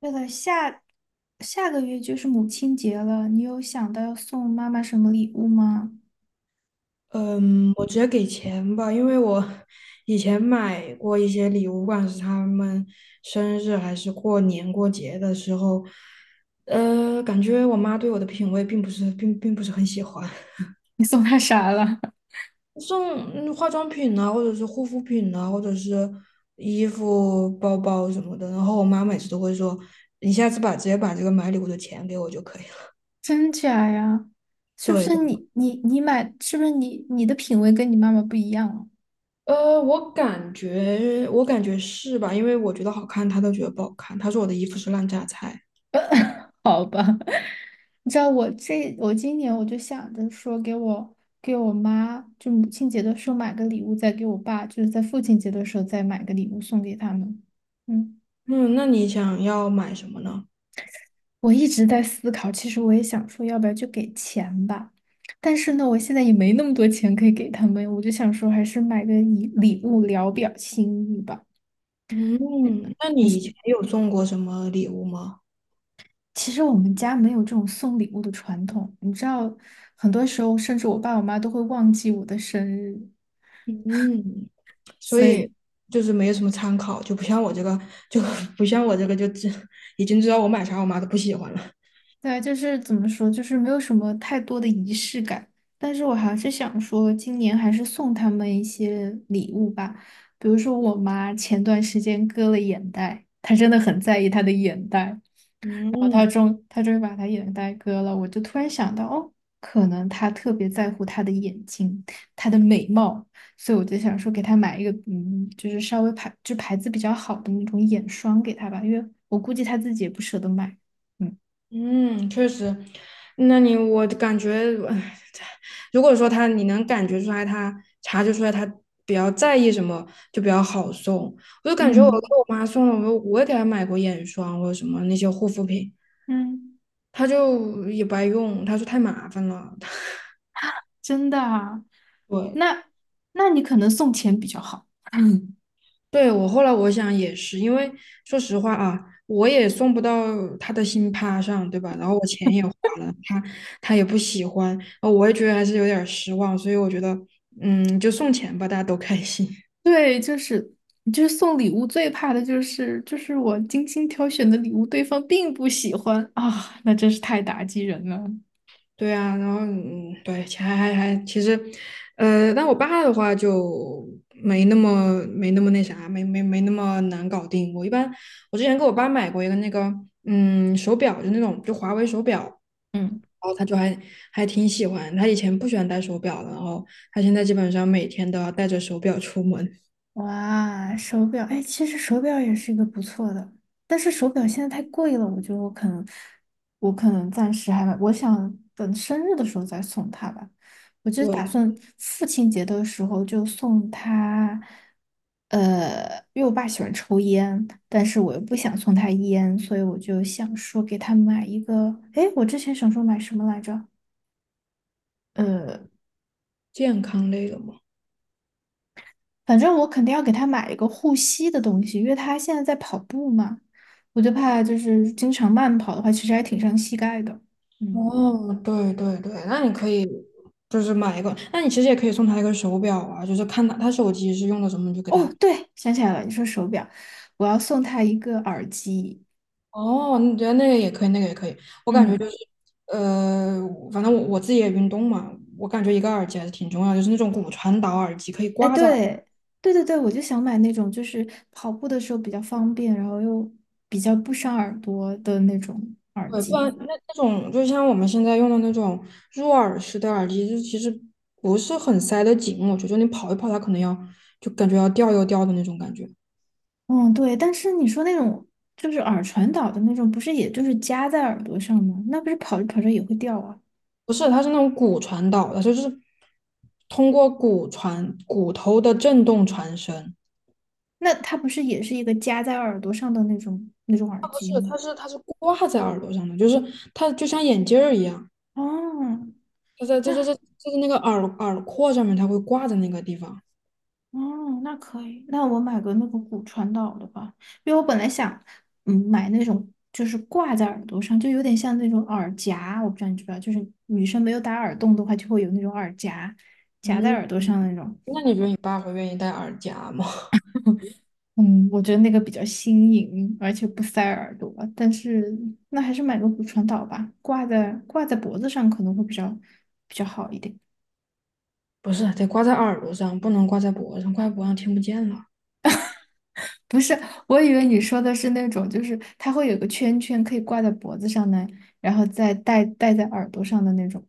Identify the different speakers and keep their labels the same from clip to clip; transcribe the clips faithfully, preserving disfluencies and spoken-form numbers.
Speaker 1: 对了下下个月就是母亲节了，你有想到要送妈妈什么礼物吗？
Speaker 2: 嗯，我直接给钱吧，因为我以前买过一些礼物，不管是他们生日还是过年过节的时候，呃，感觉我妈对我的品味并不是并并不是很喜欢，
Speaker 1: 你送她啥了？
Speaker 2: 送嗯化妆品啊，或者是护肤品啊，或者是衣服、包包什么的，然后我妈每次都会说，你下次把直接把这个买礼物的钱给我就可以了。
Speaker 1: 真假呀？是不
Speaker 2: 对。
Speaker 1: 是你你你买？是不是你你的品味跟你妈妈不一样啊？
Speaker 2: 呃，我感觉，我感觉是吧？因为我觉得好看，他都觉得不好看。他说我的衣服是烂榨菜。
Speaker 1: 好吧，你知道我这我今年我就想着说给我给我妈，就母亲节的时候买个礼物，再给我爸，就是在父亲节的时候再买个礼物送给他们。嗯。
Speaker 2: 嗯，那你想要买什么呢？
Speaker 1: 我一直在思考，其实我也想说，要不要就给钱吧？但是呢，我现在也没那么多钱可以给他们，我就想说，还是买个礼礼物聊表心意吧。嗯。
Speaker 2: 嗯，那你以前
Speaker 1: 你
Speaker 2: 有送过什么礼物吗？
Speaker 1: 其实我们家没有这种送礼物的传统，你知道，很多时候甚至我爸我妈都会忘记我的生日，
Speaker 2: 嗯，所
Speaker 1: 所
Speaker 2: 以
Speaker 1: 以。
Speaker 2: 就是没有什么参考，就不像我这个，就 不像我这个，就知已经知道我买啥，我妈都不喜欢了。
Speaker 1: 对，就是怎么说，就是没有什么太多的仪式感，但是我还是想说，今年还是送他们一些礼物吧，比如说我妈前段时间割了眼袋，她真的很在意她的眼袋，然后
Speaker 2: 嗯。
Speaker 1: 她终她终于把她眼袋割了，我就突然想到，哦，可能她特别在乎她的眼睛，她的美貌，所以我就想说给她买一个，嗯，就是稍微牌就牌子比较好的那种眼霜给她吧，因为我估计她自己也不舍得买，嗯。
Speaker 2: 嗯，确实，那你我感觉，唉如果说他你能感觉出来他，察觉出来他比较在意什么，就比较好送。我就感觉我给
Speaker 1: 嗯。
Speaker 2: 我妈送了，我我也给她买过眼霜或者什么那些护肤品，
Speaker 1: 嗯，
Speaker 2: 她就也不爱用，她说太麻烦了。
Speaker 1: 真的啊？
Speaker 2: 对。
Speaker 1: 那那你可能送钱比较好。
Speaker 2: 对，我后来我想也是，因为说实话啊，我也送不到他的心趴上，对吧？然后我钱也花了，他他也不喜欢，呃我也觉得还是有点儿失望，所以我觉得，嗯，就送钱吧，大家都开心。
Speaker 1: 对，就是就是送礼物最怕的就是就是我精心挑选的礼物，对方并不喜欢啊，那真是太打击人了。
Speaker 2: 对啊，然后嗯，对，钱还还还，其实，呃，但我爸的话就没那么没那么那啥，没没没那么难搞定。我一般我之前给我爸买过一个那个嗯手表，就那种就华为手表，
Speaker 1: 嗯。
Speaker 2: 然后他就还还挺喜欢。他以前不喜欢戴手表的，然后他现在基本上每天都要带着手表出门。
Speaker 1: 哇，手表，哎，其实手表也是一个不错的，但是手表现在太贵了，我觉得我可能，我可能暂时还，我想等生日的时候再送他吧。我就是打
Speaker 2: 对，
Speaker 1: 算父亲节的时候就送他，呃，因为我爸喜欢抽烟，但是我又不想送他烟，所以我就想说给他买一个，哎，我之前想说买什么来着？呃。
Speaker 2: 健康类的嘛。
Speaker 1: 反正我肯定要给他买一个护膝的东西，因为他现在在跑步嘛，我就怕就是经常慢跑的话，其实还挺伤膝盖的。嗯，
Speaker 2: 哦，对对对，那你可以就是买一个，那你其实也可以送他一个手表啊，就是看他他手机是用的什么，你就给
Speaker 1: 哦，
Speaker 2: 他。
Speaker 1: 对，想起来了，你说手表，我要送他一个耳机。
Speaker 2: 哦，你觉得那个也可以，那个也可以。我感觉就是，
Speaker 1: 嗯，
Speaker 2: 呃，反正我我自己也运动嘛，我感觉一个耳机还是挺重要，就是那种骨传导耳机可以
Speaker 1: 哎，
Speaker 2: 挂在。
Speaker 1: 对，对对对，我就想买那种就是跑步的时候比较方便，然后又比较不伤耳朵的那种耳
Speaker 2: 对，不然
Speaker 1: 机。
Speaker 2: 那那种就像我们现在用的那种入耳式的耳机，就其实不是很塞得紧，我觉得你跑一跑，它可能要就感觉要掉又掉的那种感觉。
Speaker 1: 嗯，对，但是你说那种就是耳传导的那种，不是也就是夹在耳朵上吗？那不是跑着跑着也会掉啊。
Speaker 2: 不是，它是那种骨传导的，就是通过骨传骨头的震动传声。
Speaker 1: 那它不是也是一个夹在耳朵上的那种那种耳机
Speaker 2: 是，
Speaker 1: 吗？
Speaker 2: 它是它是挂在耳朵上的，就是它就像眼镜儿一样，
Speaker 1: 哦，
Speaker 2: 它在这这
Speaker 1: 那
Speaker 2: 这就是那个耳耳廓上面，它会挂在那个地方。
Speaker 1: 哦，那可以，那我买个那个骨传导的吧，因为我本来想，嗯，买那种就是挂在耳朵上，就有点像那种耳夹，我不知道你知不知道，就是女生没有打耳洞的话，就会有那种耳夹夹在
Speaker 2: 嗯，
Speaker 1: 耳朵上那种。
Speaker 2: 那你觉得你爸会愿意戴耳夹吗？
Speaker 1: 嗯，我觉得那个比较新颖，而且不塞耳朵，但是那还是买个骨传导吧，挂在挂在脖子上可能会比较比较好一点。
Speaker 2: 不是，得挂在耳朵上，不能挂在脖子上，挂在脖子上听不见了。
Speaker 1: 不是，我以为你说的是那种，就是它会有个圈圈可以挂在脖子上的，然后再戴戴在耳朵上的那种。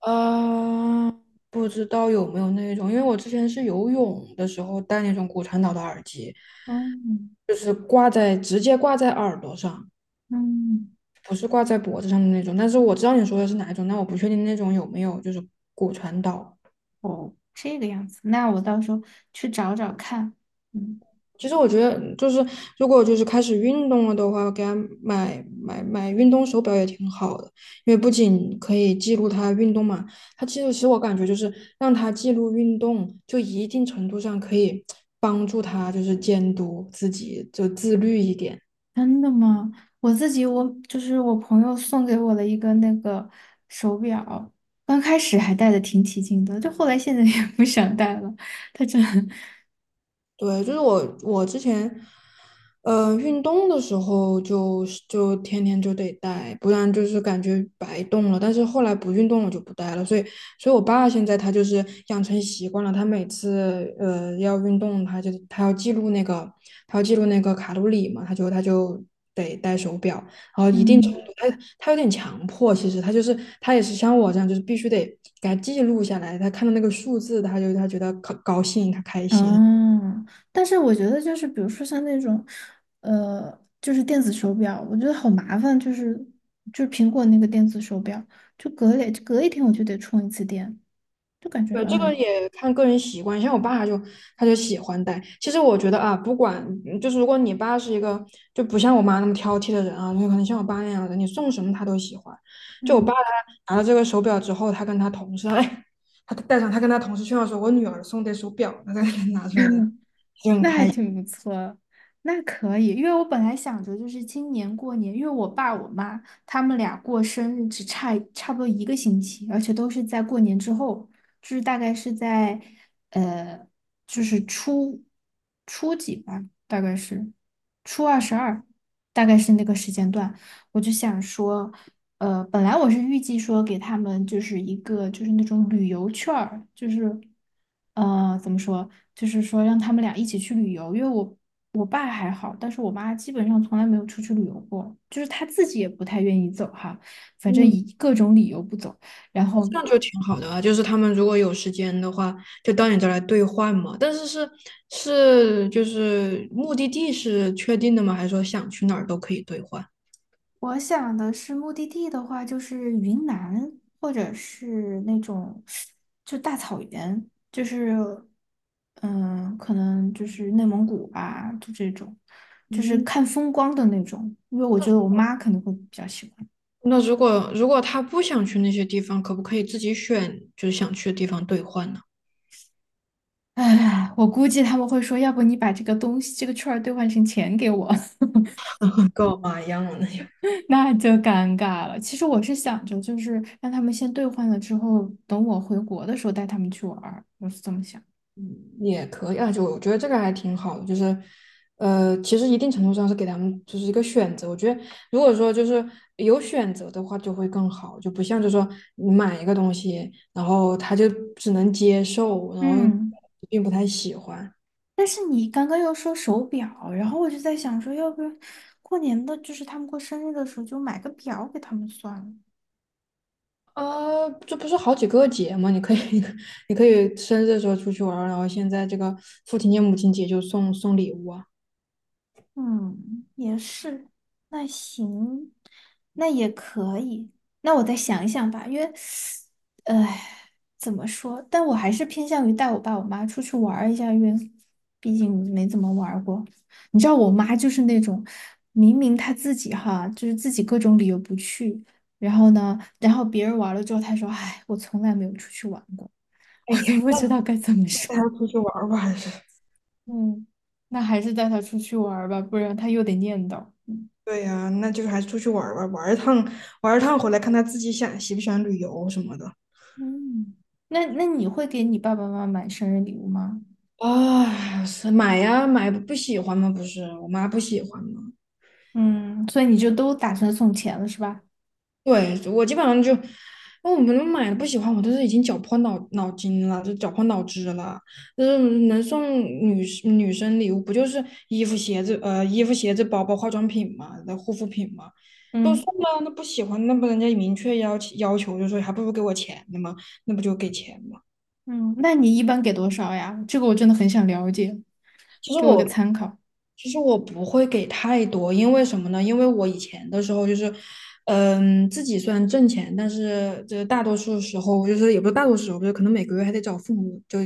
Speaker 2: 啊、不知道有没有那种，因为我之前是游泳的时候戴那种骨传导的耳机，
Speaker 1: 嗯。
Speaker 2: 就是挂在直接挂在耳朵上。
Speaker 1: 嗯，
Speaker 2: 不是挂在脖子上的那种，但是我知道你说的是哪一种，但我不确定那种有没有就是骨传导。
Speaker 1: 哦，这个样子，那我到时候去找找看。嗯。
Speaker 2: 其实我觉得就是如果就是开始运动了的话，给他买买买运动手表也挺好的，因为不仅可以记录他运动嘛，他其实其实我感觉就是让他记录运动，就一定程度上可以帮助他就是监督自己，就自律一点。
Speaker 1: 真的吗？我自己我就是我朋友送给我了一个那个手表，刚开始还戴的挺起劲的，就后来现在也不想戴了。它真的，
Speaker 2: 对，就是我我之前呃，运动的时候就是就天天就得戴，不然就是感觉白动了。但是后来不运动了就不戴了，所以，所以我爸现在他就是养成习惯了，他每次呃要运动，他就他要记录那个他要记录那个卡路里嘛，他就他就得戴手表，然后 一定程度
Speaker 1: 嗯。
Speaker 2: 他他有点强迫，其实他就是他也是像我这样，就是必须得给他记录下来，他看到那个数字，他就他觉得高高兴，他开心。
Speaker 1: 哦，但是我觉得就是，比如说像那种，呃，就是电子手表，我觉得好麻烦，就是就是苹果那个电子手表，就隔两隔一天我就得充一次电，就感觉
Speaker 2: 对，这个
Speaker 1: 哎，
Speaker 2: 也看个人习惯，像我爸他就他就喜欢戴。其实我觉得啊，不管嗯就是如果你爸是一个就不像我妈那么挑剔的人啊，就可能像我爸那样的，你送什么他都喜欢。就我爸
Speaker 1: 嗯。
Speaker 2: 他拿了这个手表之后，他跟他同事，哎，他戴上，他跟他同事炫耀说：“我女儿送的手表。”他才给拿出来的，
Speaker 1: 那还挺不错，那可以，因为我本来想着就是今年过年，因为我爸我妈他们俩过生日只差差不多一个星期，而且都是在过年之后，就是大概是在呃，就是初初几吧，大概是初二十二，大概是那个时间段。我就想说，呃，本来我是预计说给他们就是一个就是那种旅游券儿，就是，呃，怎么说，就是说让他们俩一起去旅游，因为我我爸还好，但是我妈基本上从来没有出去旅游过，就是她自己也不太愿意走哈，反正
Speaker 2: 嗯，
Speaker 1: 以各种理由不走。然后
Speaker 2: 这样就挺好的啊。就是他们如果有时间的话，就到你这儿来兑换嘛。但是是是就是目的地是确定的吗？还是说想去哪儿都可以兑换？
Speaker 1: 我想的是目的地的话，就是云南，或者是那种就大草原，就是嗯，可能就是内蒙古吧，就这种，就是
Speaker 2: 嗯，
Speaker 1: 看风光的那种。因为我觉得我妈可能会比较喜欢。
Speaker 2: 那如果如果他不想去那些地方，可不可以自己选就是想去的地方兑换呢？
Speaker 1: 唉，我估计他们会说，要不你把这个东西这个券儿兑换成钱给我，
Speaker 2: 够嘛一样的那些
Speaker 1: 那就尴尬了。其实我是想着，就是让他们先兑换了之后，等我回国的时候带他们去玩儿，我是这么想。
Speaker 2: 也可以啊，就我觉得这个还挺好的，就是呃，其实一定程度上是给他们就是一个选择。我觉得如果说就是有选择的话，就会更好，就不像就说你买一个东西，然后他就只能接受，然后
Speaker 1: 嗯。
Speaker 2: 并不太喜欢。
Speaker 1: 但是你刚刚又说手表，然后我就在想说，要不要过年的，就是他们过生日的时候就买个表给他们算了。
Speaker 2: 呃，这不是好几个节吗？你可以，你可以生日的时候出去玩儿，然后现在这个父亲节、母亲节就送送礼物啊。
Speaker 1: 嗯，也是，那行，那也可以。那我再想一想吧，因为，唉，怎么说？但我还是偏向于带我爸我妈出去玩儿一下，因为毕竟没怎么玩儿过。你知道，我妈就是那种，明明她自己哈，就是自己各种理由不去，然后呢，然后别人玩了之后，她说：“唉，我从来没有出去玩过，
Speaker 2: 哎
Speaker 1: 我都
Speaker 2: 呀，
Speaker 1: 不知道该怎么说。”
Speaker 2: 带他出去玩儿吧。
Speaker 1: 嗯，那还是带她出去玩儿吧，不然她又得念叨。嗯。
Speaker 2: 对呀，那就还是出去玩儿吧，玩儿一趟，玩儿一趟回来，看他自己想喜不喜欢旅游什么的。
Speaker 1: 嗯那那你会给你爸爸妈妈买生日礼物吗？
Speaker 2: 啊，是买呀，买不喜欢吗？不是，我妈不喜欢吗？
Speaker 1: 嗯，所以你就都打算送钱了是吧？
Speaker 2: 对，我基本上就，那我们买的不喜欢，我都是已经绞破脑脑筋了，就绞破脑汁了。就是能送女士女生礼物，不就是衣服、鞋子，呃，衣服、鞋子、包包、化妆品嘛，的护肤品嘛，都送
Speaker 1: 嗯。
Speaker 2: 了，那不喜欢，那不人家明确要求要求，就说还不如给我钱呢嘛，那不就给钱。
Speaker 1: 嗯，那你一般给多少呀？这个我真的很想了解，
Speaker 2: 其实
Speaker 1: 给我一个
Speaker 2: 我
Speaker 1: 参考。
Speaker 2: 其实我不会给太多，因为什么呢？因为我以前的时候就是，嗯，自己虽然挣钱，但是就是大多数时候就是也不是大多数时候，就是可能每个月还得找父母就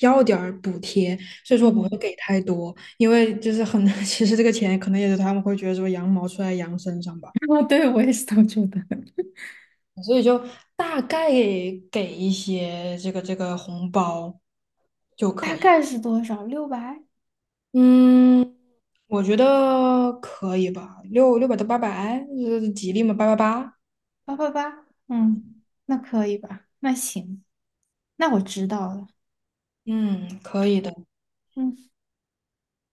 Speaker 2: 要点儿补贴，所以说我不会
Speaker 1: 嗯，
Speaker 2: 给太多，因为就是很 其实这个钱可能也是他们会觉得说羊毛出在羊身上吧，
Speaker 1: 哦，对，我也是这么觉得。
Speaker 2: 所以就大概给一些这个这个红包。
Speaker 1: 大概是多少？六百？
Speaker 2: 嗯，我觉得可以吧，六六百到八百，呃吉利嘛，八八八，
Speaker 1: 八八八？嗯，那可以吧？那行，那我知道了。
Speaker 2: 嗯，可以的。
Speaker 1: 嗯。